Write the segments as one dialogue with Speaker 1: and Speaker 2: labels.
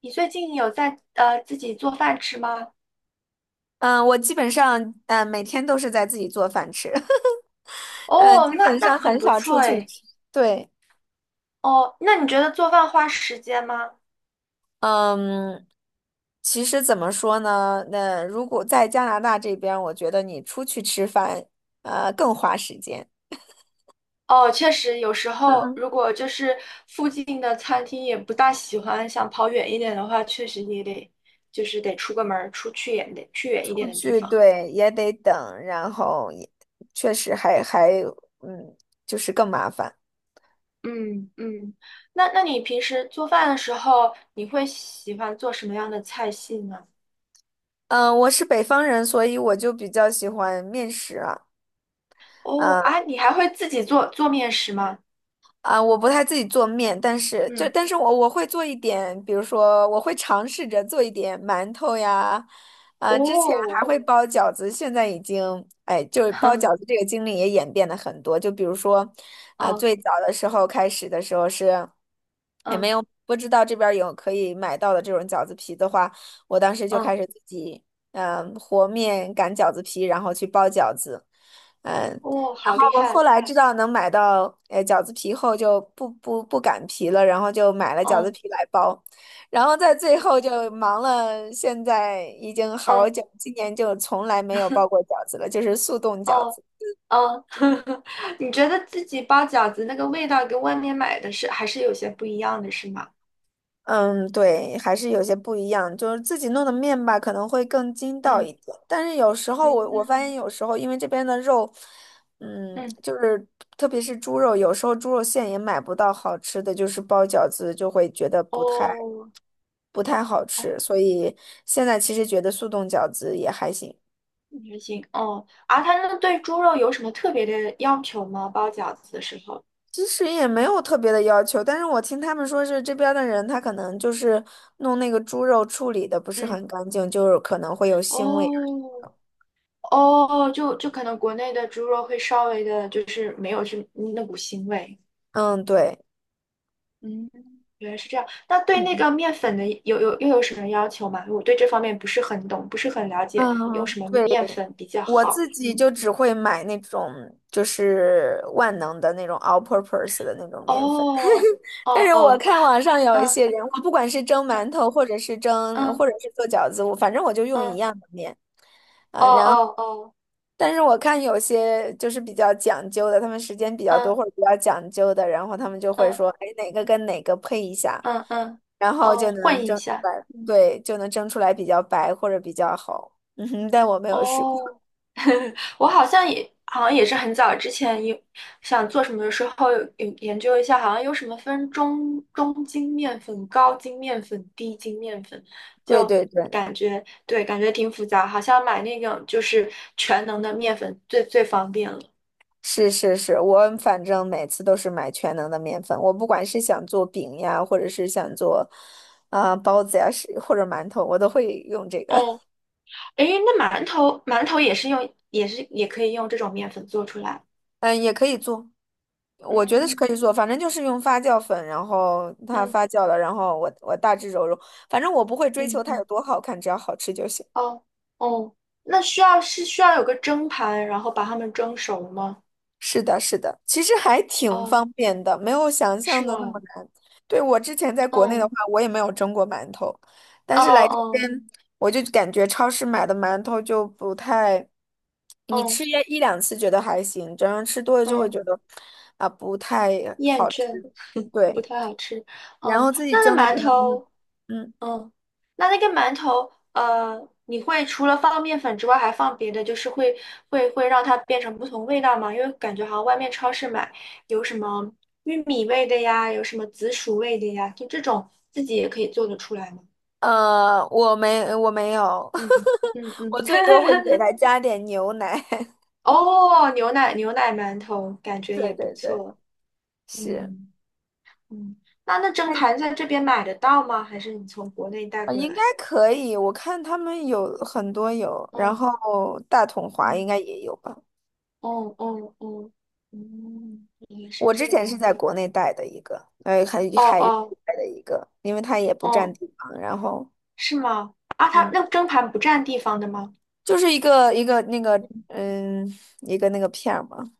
Speaker 1: 你最近有在自己做饭吃吗？
Speaker 2: 嗯，我基本上每天都是在自己做饭吃，嗯，
Speaker 1: 哦，
Speaker 2: 基
Speaker 1: 那
Speaker 2: 本
Speaker 1: 那
Speaker 2: 上
Speaker 1: 很
Speaker 2: 很
Speaker 1: 不
Speaker 2: 少
Speaker 1: 错
Speaker 2: 出去
Speaker 1: 诶。
Speaker 2: 吃，对。
Speaker 1: 哦，那你觉得做饭花时间吗？
Speaker 2: 嗯，其实怎么说呢？那如果在加拿大这边，我觉得你出去吃饭，更花时间。
Speaker 1: 哦，确实，有时
Speaker 2: 嗯
Speaker 1: 候
Speaker 2: 嗯，
Speaker 1: 如果就是附近的餐厅也不大喜欢，想跑远一点的话，确实也得就是得出个门儿，出去远点，去远一点
Speaker 2: 出
Speaker 1: 的地
Speaker 2: 去
Speaker 1: 方。
Speaker 2: 对也得等，然后也确实还，嗯，就是更麻烦。
Speaker 1: 嗯嗯，那你平时做饭的时候，你会喜欢做什么样的菜系呢？
Speaker 2: 嗯，我是北方人，所以我就比较喜欢面食啊。
Speaker 1: 哦
Speaker 2: 呃
Speaker 1: 啊，你还会自己做做面食吗？
Speaker 2: 啊，我不太自己做面，但是
Speaker 1: 嗯，
Speaker 2: 我会做一点，比如说我会尝试着做一点馒头呀。啊，之前还
Speaker 1: 哦，
Speaker 2: 会包饺子，现在已经就是包饺 子这个经历也演变了很多。就比如说，啊，
Speaker 1: 嗯
Speaker 2: 最早的时候开始的时候是，也没
Speaker 1: 嗯。
Speaker 2: 有不知道这边儿有可以买到的这种饺子皮的话，我当时就
Speaker 1: 嗯
Speaker 2: 开始自己和面擀饺子皮，然后去包饺子。嗯。
Speaker 1: 哦，
Speaker 2: 然
Speaker 1: 好厉
Speaker 2: 后后
Speaker 1: 害！
Speaker 2: 来知道能买到饺子皮后，就不擀皮了，然后就买了饺子
Speaker 1: 嗯
Speaker 2: 皮来包，然后在最
Speaker 1: 哦，
Speaker 2: 后
Speaker 1: 哦
Speaker 2: 就忙了，现在已经好
Speaker 1: 嗯
Speaker 2: 久，今年就从来没有包过饺子了，就是速冻饺
Speaker 1: 哦
Speaker 2: 子。
Speaker 1: 哦，你觉得自己包饺子那个味道跟外面买的是还是有些不一样的，是吗？
Speaker 2: 嗯，对，还是有些不一样，就是自己弄的面吧，可能会更筋道
Speaker 1: 嗯
Speaker 2: 一点，但是有时候我发现
Speaker 1: 嗯，
Speaker 2: 有时候因为这边的肉，
Speaker 1: 嗯，
Speaker 2: 就是特别是猪肉，有时候猪肉馅也买不到好吃的，就是包饺子就会觉得不太。
Speaker 1: 哦
Speaker 2: 不太好
Speaker 1: 哦，
Speaker 2: 吃，所以现在其实觉得速冻饺子也还行。
Speaker 1: 还行哦。啊，他那对猪肉有什么特别的要求吗？包饺子的时候？
Speaker 2: 其实也没有特别的要求。但是我听他们说是这边儿的人，他可能就是弄那个猪肉处理的不是
Speaker 1: 嗯，
Speaker 2: 很干净，就是可能会有腥味。
Speaker 1: 哦哦，就可能国内的猪肉会稍微的，就是没有这那股腥味。
Speaker 2: 嗯，对。
Speaker 1: 嗯，原来是这样。那对那个面粉的又有什么要求吗？我对这方面不是很懂，不是很了解，用
Speaker 2: 嗯，
Speaker 1: 什么
Speaker 2: 对，
Speaker 1: 面粉比较
Speaker 2: 我
Speaker 1: 好？
Speaker 2: 自己
Speaker 1: 嗯，
Speaker 2: 就只会买那种就是万能的那种 all-purpose 的那种面粉。
Speaker 1: 哦，哦
Speaker 2: 但是我
Speaker 1: 哦，
Speaker 2: 看网上有一
Speaker 1: 嗯
Speaker 2: 些人，我不管是蒸馒头，
Speaker 1: 嗯嗯
Speaker 2: 或者是做饺子，我反正我就用一
Speaker 1: 嗯，
Speaker 2: 样的面。
Speaker 1: 哦哦哦，
Speaker 2: 但是我看有些就是比较讲究的，他们时间比较
Speaker 1: 嗯
Speaker 2: 多或者比较讲究的，然后他们就会
Speaker 1: 嗯
Speaker 2: 说，哎，哪个跟哪个配一下，
Speaker 1: 嗯嗯，
Speaker 2: 然后
Speaker 1: 哦，
Speaker 2: 就能
Speaker 1: 混一
Speaker 2: 蒸出
Speaker 1: 下。
Speaker 2: 来。
Speaker 1: 嗯
Speaker 2: 对，就能蒸出来比较白或者比较好。嗯哼，但我没有试过。
Speaker 1: 哦，我好像也是很早之前有想做什么的时候有研究一下，好像有什么分中筋面粉、高筋面粉、低筋面粉，
Speaker 2: 对
Speaker 1: 就
Speaker 2: 对对，
Speaker 1: 感觉对，感觉挺复杂，好像买那种就是全能的面粉最最方便了。
Speaker 2: 是是是，我反正每次都是买全能的面粉，我不管是想做饼呀，或者是想做包子呀，是或者馒头，我都会用这个。
Speaker 1: 哦，诶，那馒头也是也可以用这种面粉做出来。
Speaker 2: 嗯，也可以做。我觉得是可以
Speaker 1: 嗯
Speaker 2: 做，反正就是用发酵粉，然后它
Speaker 1: 嗯
Speaker 2: 发酵了，然后我大致揉揉，反正我不会追求
Speaker 1: 嗯
Speaker 2: 它
Speaker 1: 嗯。
Speaker 2: 有多好看，只要好吃就行。
Speaker 1: 哦哦，那需要有个蒸盘，然后把它们蒸熟吗？
Speaker 2: 是的，是的，其实还挺
Speaker 1: 哦，
Speaker 2: 方便的，没有想象
Speaker 1: 是
Speaker 2: 的那么
Speaker 1: 吗？
Speaker 2: 难。对，我之前在国内的话，
Speaker 1: 嗯，
Speaker 2: 我也没有蒸过馒头，但
Speaker 1: 哦
Speaker 2: 是来这边
Speaker 1: 哦
Speaker 2: 我就感觉超市买的馒头就不太，你
Speaker 1: 哦
Speaker 2: 吃一两次觉得还行，这样吃多了就会
Speaker 1: 嗯，
Speaker 2: 觉得啊不太
Speaker 1: 厌
Speaker 2: 好吃。
Speaker 1: 倦，不
Speaker 2: 对，
Speaker 1: 太好吃。
Speaker 2: 然
Speaker 1: 嗯，
Speaker 2: 后自己
Speaker 1: 那那
Speaker 2: 蒸的可
Speaker 1: 馒
Speaker 2: 能
Speaker 1: 头，
Speaker 2: 嗯。
Speaker 1: 嗯，那那个馒头，你会除了放面粉之外，还放别的，就是会让它变成不同味道吗？因为感觉好像外面超市买有什么玉米味的呀，有什么紫薯味的呀，就这种自己也可以做得出来吗？
Speaker 2: 我没有，
Speaker 1: 嗯嗯 嗯。
Speaker 2: 我最多会给他加点牛奶。
Speaker 1: 哦，牛奶馒头感 觉
Speaker 2: 对
Speaker 1: 也不
Speaker 2: 对对，
Speaker 1: 错。
Speaker 2: 是。
Speaker 1: 嗯嗯，那蒸
Speaker 2: 那
Speaker 1: 盘在这边买得到吗？还是你从国内带过
Speaker 2: 应
Speaker 1: 来
Speaker 2: 该
Speaker 1: 的？
Speaker 2: 可以。我看他们有很多有，然
Speaker 1: 嗯
Speaker 2: 后大统华应
Speaker 1: 嗯
Speaker 2: 该也有吧。
Speaker 1: 哦哦哦，嗯，原来是
Speaker 2: 我之
Speaker 1: 这
Speaker 2: 前是
Speaker 1: 样。
Speaker 2: 在国内带的一个，海
Speaker 1: 哦
Speaker 2: 海域
Speaker 1: 哦
Speaker 2: 带的一个，因为它也不占
Speaker 1: 哦，
Speaker 2: 地方，然后
Speaker 1: 是吗？啊，它
Speaker 2: 嗯，
Speaker 1: 那蒸盘不占地方的吗？
Speaker 2: 就是一个一个那个片儿嘛。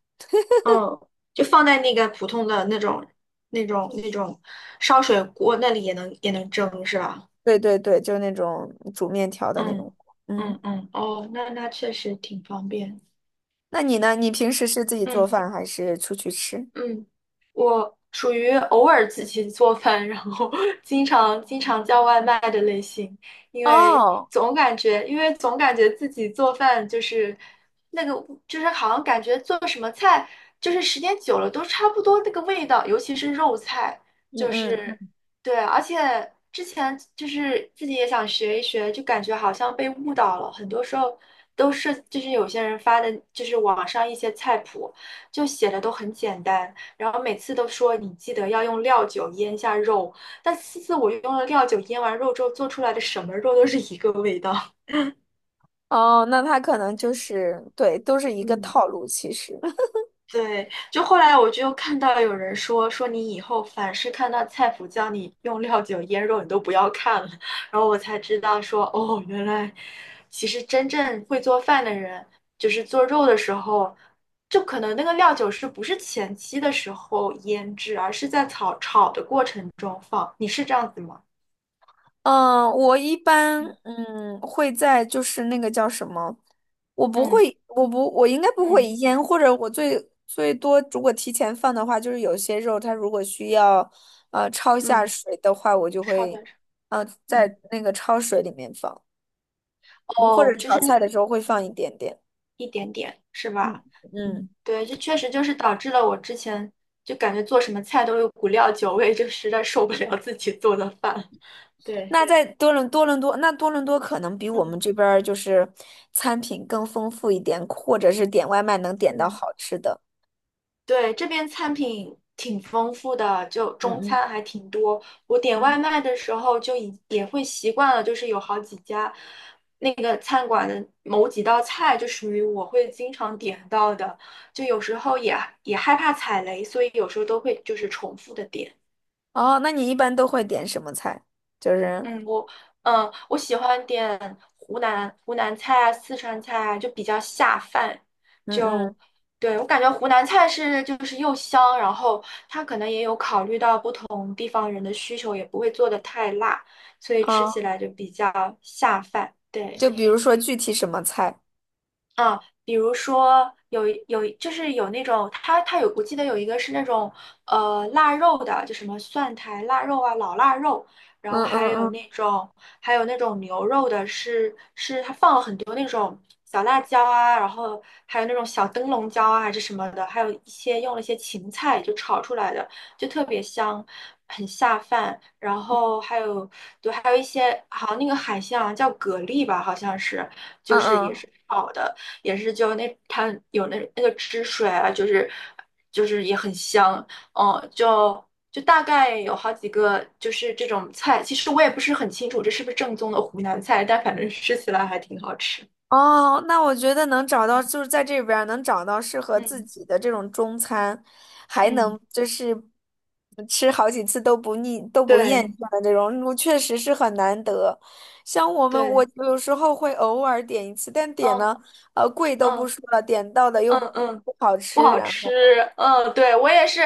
Speaker 1: 嗯，就放在那个普通的那种烧水锅那里也能蒸是吧？
Speaker 2: 对对对，就是那种煮面条的那种。
Speaker 1: 嗯
Speaker 2: 嗯。
Speaker 1: 嗯嗯，哦，那确实挺方便。
Speaker 2: 那你呢？你平时是自己做
Speaker 1: 嗯。
Speaker 2: 饭还是出去吃？
Speaker 1: 嗯，我属于偶尔自己做饭，然后 经常叫外卖的类型，因为
Speaker 2: 哦，
Speaker 1: 总感觉，因为总感觉自己做饭就是那个，就是好像感觉做什么菜，就是时间久了都差不多那个味道，尤其是肉菜，就
Speaker 2: 嗯
Speaker 1: 是
Speaker 2: 嗯。
Speaker 1: 对，而且之前就是自己也想学一学，就感觉好像被误导了，很多时候都是就是有些人发的，就是网上一些菜谱。就写的都很简单，然后每次都说你记得要用料酒腌下肉，但次次我用了料酒腌完肉之后做出来的什么肉都是一个味道。
Speaker 2: 哦，那他可能就是对，都是一个
Speaker 1: 嗯。
Speaker 2: 套路。其实，
Speaker 1: 对，就后来我就又看到有人说你以后凡是看到菜谱教你用料酒腌肉，你都不要看了。然后我才知道说哦，原来其实真正会做饭的人，就是做肉的时候，就可能那个料酒是不是前期的时候腌制，而是在炒的过程中放。你是这样子吗？
Speaker 2: 嗯，我一般
Speaker 1: 嗯
Speaker 2: 会在就是那个叫什么，我不
Speaker 1: 嗯
Speaker 2: 会，我不，我应该不会
Speaker 1: 嗯
Speaker 2: 腌，或者我最多如果提前放的话，就是有些肉它如果需要焯一下
Speaker 1: 嗯，
Speaker 2: 水的话，我就
Speaker 1: 炒
Speaker 2: 会
Speaker 1: 的，嗯
Speaker 2: 在那个焯水里面放，嗯或者
Speaker 1: 哦，就是。
Speaker 2: 炒菜的时候会放一点点。
Speaker 1: 一点点，是
Speaker 2: 嗯
Speaker 1: 吧？
Speaker 2: 嗯。
Speaker 1: 嗯，对，这确实就是导致了我之前就感觉做什么菜都有股料酒味，就实在受不了自己做的饭。对，
Speaker 2: 那在多伦多，那多伦多可能比我
Speaker 1: 嗯
Speaker 2: 们这边儿就是餐品更丰富一点，或者是点外卖能点到
Speaker 1: 嗯，
Speaker 2: 好吃的。
Speaker 1: 对，这边餐品挺丰富的，就
Speaker 2: 嗯
Speaker 1: 中
Speaker 2: 嗯
Speaker 1: 餐还挺多。我点外
Speaker 2: 嗯。
Speaker 1: 卖的时候也会习惯了，就是有好几家那个餐馆的某几道菜就属于我会经常点到的，就有时候也害怕踩雷，所以有时候都会就是重复的点。
Speaker 2: 哦，那你一般都会点什么菜？就是
Speaker 1: 嗯，我喜欢点湖南菜啊、四川菜啊，就比较下饭。
Speaker 2: 嗯
Speaker 1: 就
Speaker 2: 嗯
Speaker 1: 对我感觉湖南菜是就是又香，然后它可能也有考虑到不同地方人的需求，也不会做的太辣，所以吃
Speaker 2: 哦，
Speaker 1: 起来就比较下饭。对。
Speaker 2: 就比如说具体什么菜？
Speaker 1: 啊，比如说就是有那种，它有，我记得有一个是那种腊肉的，就什么蒜苔腊肉啊、老腊肉，然后
Speaker 2: 嗯
Speaker 1: 还
Speaker 2: 嗯
Speaker 1: 有
Speaker 2: 嗯
Speaker 1: 那种还有那种牛肉的是它放了很多那种小辣椒啊，然后还有那种小灯笼椒啊还是什么的，还有一些用了一些芹菜就炒出来的，就特别香，很下饭。然后还有对，还有一些好像那个海鲜好像叫蛤蜊吧，好像是
Speaker 2: 嗯
Speaker 1: 就是也
Speaker 2: 嗯。
Speaker 1: 是炒的。也是就那它有那那个汁水啊，就是也很香，嗯，就大概有好几个就是这种菜，其实我也不是很清楚这是不是正宗的湖南菜，但反正吃起来还挺好吃。
Speaker 2: 哦，那我觉得能找到，就是在这边儿能找到适合自
Speaker 1: 嗯
Speaker 2: 己的这种中餐，还
Speaker 1: 嗯，
Speaker 2: 能就是吃好几次都不腻、都不厌
Speaker 1: 对
Speaker 2: 倦的这种，我确实是很难得。像我们，我
Speaker 1: 对，
Speaker 2: 有时候会偶尔点一次，但点
Speaker 1: 嗯
Speaker 2: 呢，贵都不
Speaker 1: 嗯
Speaker 2: 说了，点到的又
Speaker 1: 嗯
Speaker 2: 不
Speaker 1: 嗯，
Speaker 2: 不好
Speaker 1: 不
Speaker 2: 吃，
Speaker 1: 好
Speaker 2: 然
Speaker 1: 吃，
Speaker 2: 后
Speaker 1: 嗯，对我也是。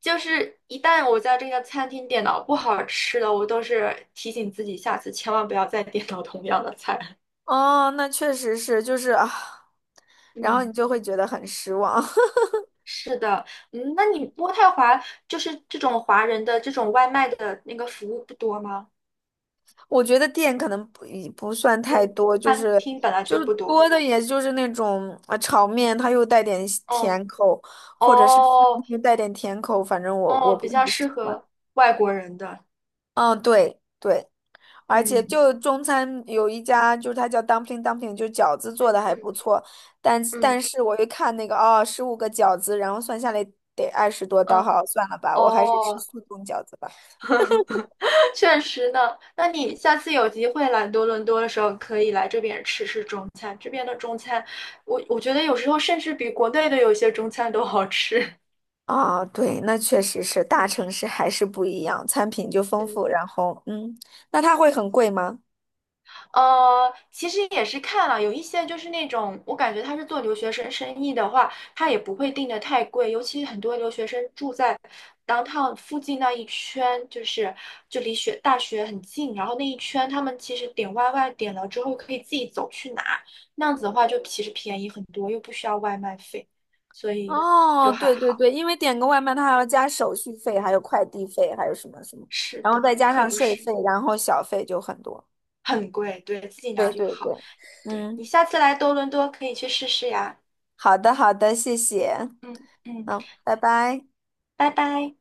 Speaker 1: 就是一旦我在这个餐厅点到不好吃的，我都是提醒自己下次千万不要再点到同样的菜。
Speaker 2: 哦，那确实是，就是啊，然后你
Speaker 1: 嗯。
Speaker 2: 就会觉得很失望。
Speaker 1: 是的，嗯，那你渥太华就是这种华人的这种外卖的那个服务不多吗？
Speaker 2: 我觉得店可能不算太
Speaker 1: 嗯，
Speaker 2: 多，就
Speaker 1: 餐
Speaker 2: 是
Speaker 1: 厅本来就不多。
Speaker 2: 多的，也就是那种炒面，它又带点西
Speaker 1: 嗯，
Speaker 2: 甜口，或者是饭
Speaker 1: 哦，
Speaker 2: 又带点甜口，反正我
Speaker 1: 哦，
Speaker 2: 不
Speaker 1: 比
Speaker 2: 太
Speaker 1: 较
Speaker 2: 喜
Speaker 1: 适
Speaker 2: 欢。
Speaker 1: 合外国人的。
Speaker 2: 嗯，对对，而且
Speaker 1: 嗯
Speaker 2: 就中餐有一家，就是它叫 dumpling dumpling,就饺子
Speaker 1: 嗯
Speaker 2: 做的还不
Speaker 1: 嗯
Speaker 2: 错，但
Speaker 1: 嗯
Speaker 2: 但是我一看那个哦，15个饺子，然后算下来得20多刀。
Speaker 1: 嗯，
Speaker 2: 好，算了吧，我还是吃
Speaker 1: 哦，
Speaker 2: 速冻饺子吧。
Speaker 1: 确实呢。那你下次有机会来多伦多的时候，可以来这边吃吃中餐。这边的中餐，我觉得有时候甚至比国内的有一些中餐都好吃。
Speaker 2: 啊，对，那确 实是大
Speaker 1: 嗯，
Speaker 2: 城市还是不一样，餐品就丰
Speaker 1: 嗯。
Speaker 2: 富，然后嗯，那它会很贵吗？
Speaker 1: 其实也是看了，有一些就是那种，我感觉他是做留学生生意的话，他也不会定的太贵，尤其很多留学生住在 downtown 附近那一圈，就是就离大学很近，然后那一圈他们其实点外卖点了之后可以自己走去拿，那样子的话就其实便宜很多，又不需要外卖费，所以
Speaker 2: 哦，
Speaker 1: 就还
Speaker 2: 对对
Speaker 1: 好。
Speaker 2: 对，因为点个外卖，它还要加手续费，还有快递费，还有什么什么，
Speaker 1: 是
Speaker 2: 然后再
Speaker 1: 的，
Speaker 2: 加
Speaker 1: 可
Speaker 2: 上
Speaker 1: 不
Speaker 2: 税
Speaker 1: 是
Speaker 2: 费，然后小费就很多。
Speaker 1: 很贵，对，自己拿
Speaker 2: 对
Speaker 1: 就
Speaker 2: 对对，
Speaker 1: 好。对，你
Speaker 2: 嗯，
Speaker 1: 下次来多伦多可以去试试呀。
Speaker 2: 好的好的，谢谢，
Speaker 1: 嗯嗯。
Speaker 2: 嗯，拜拜。
Speaker 1: 拜拜。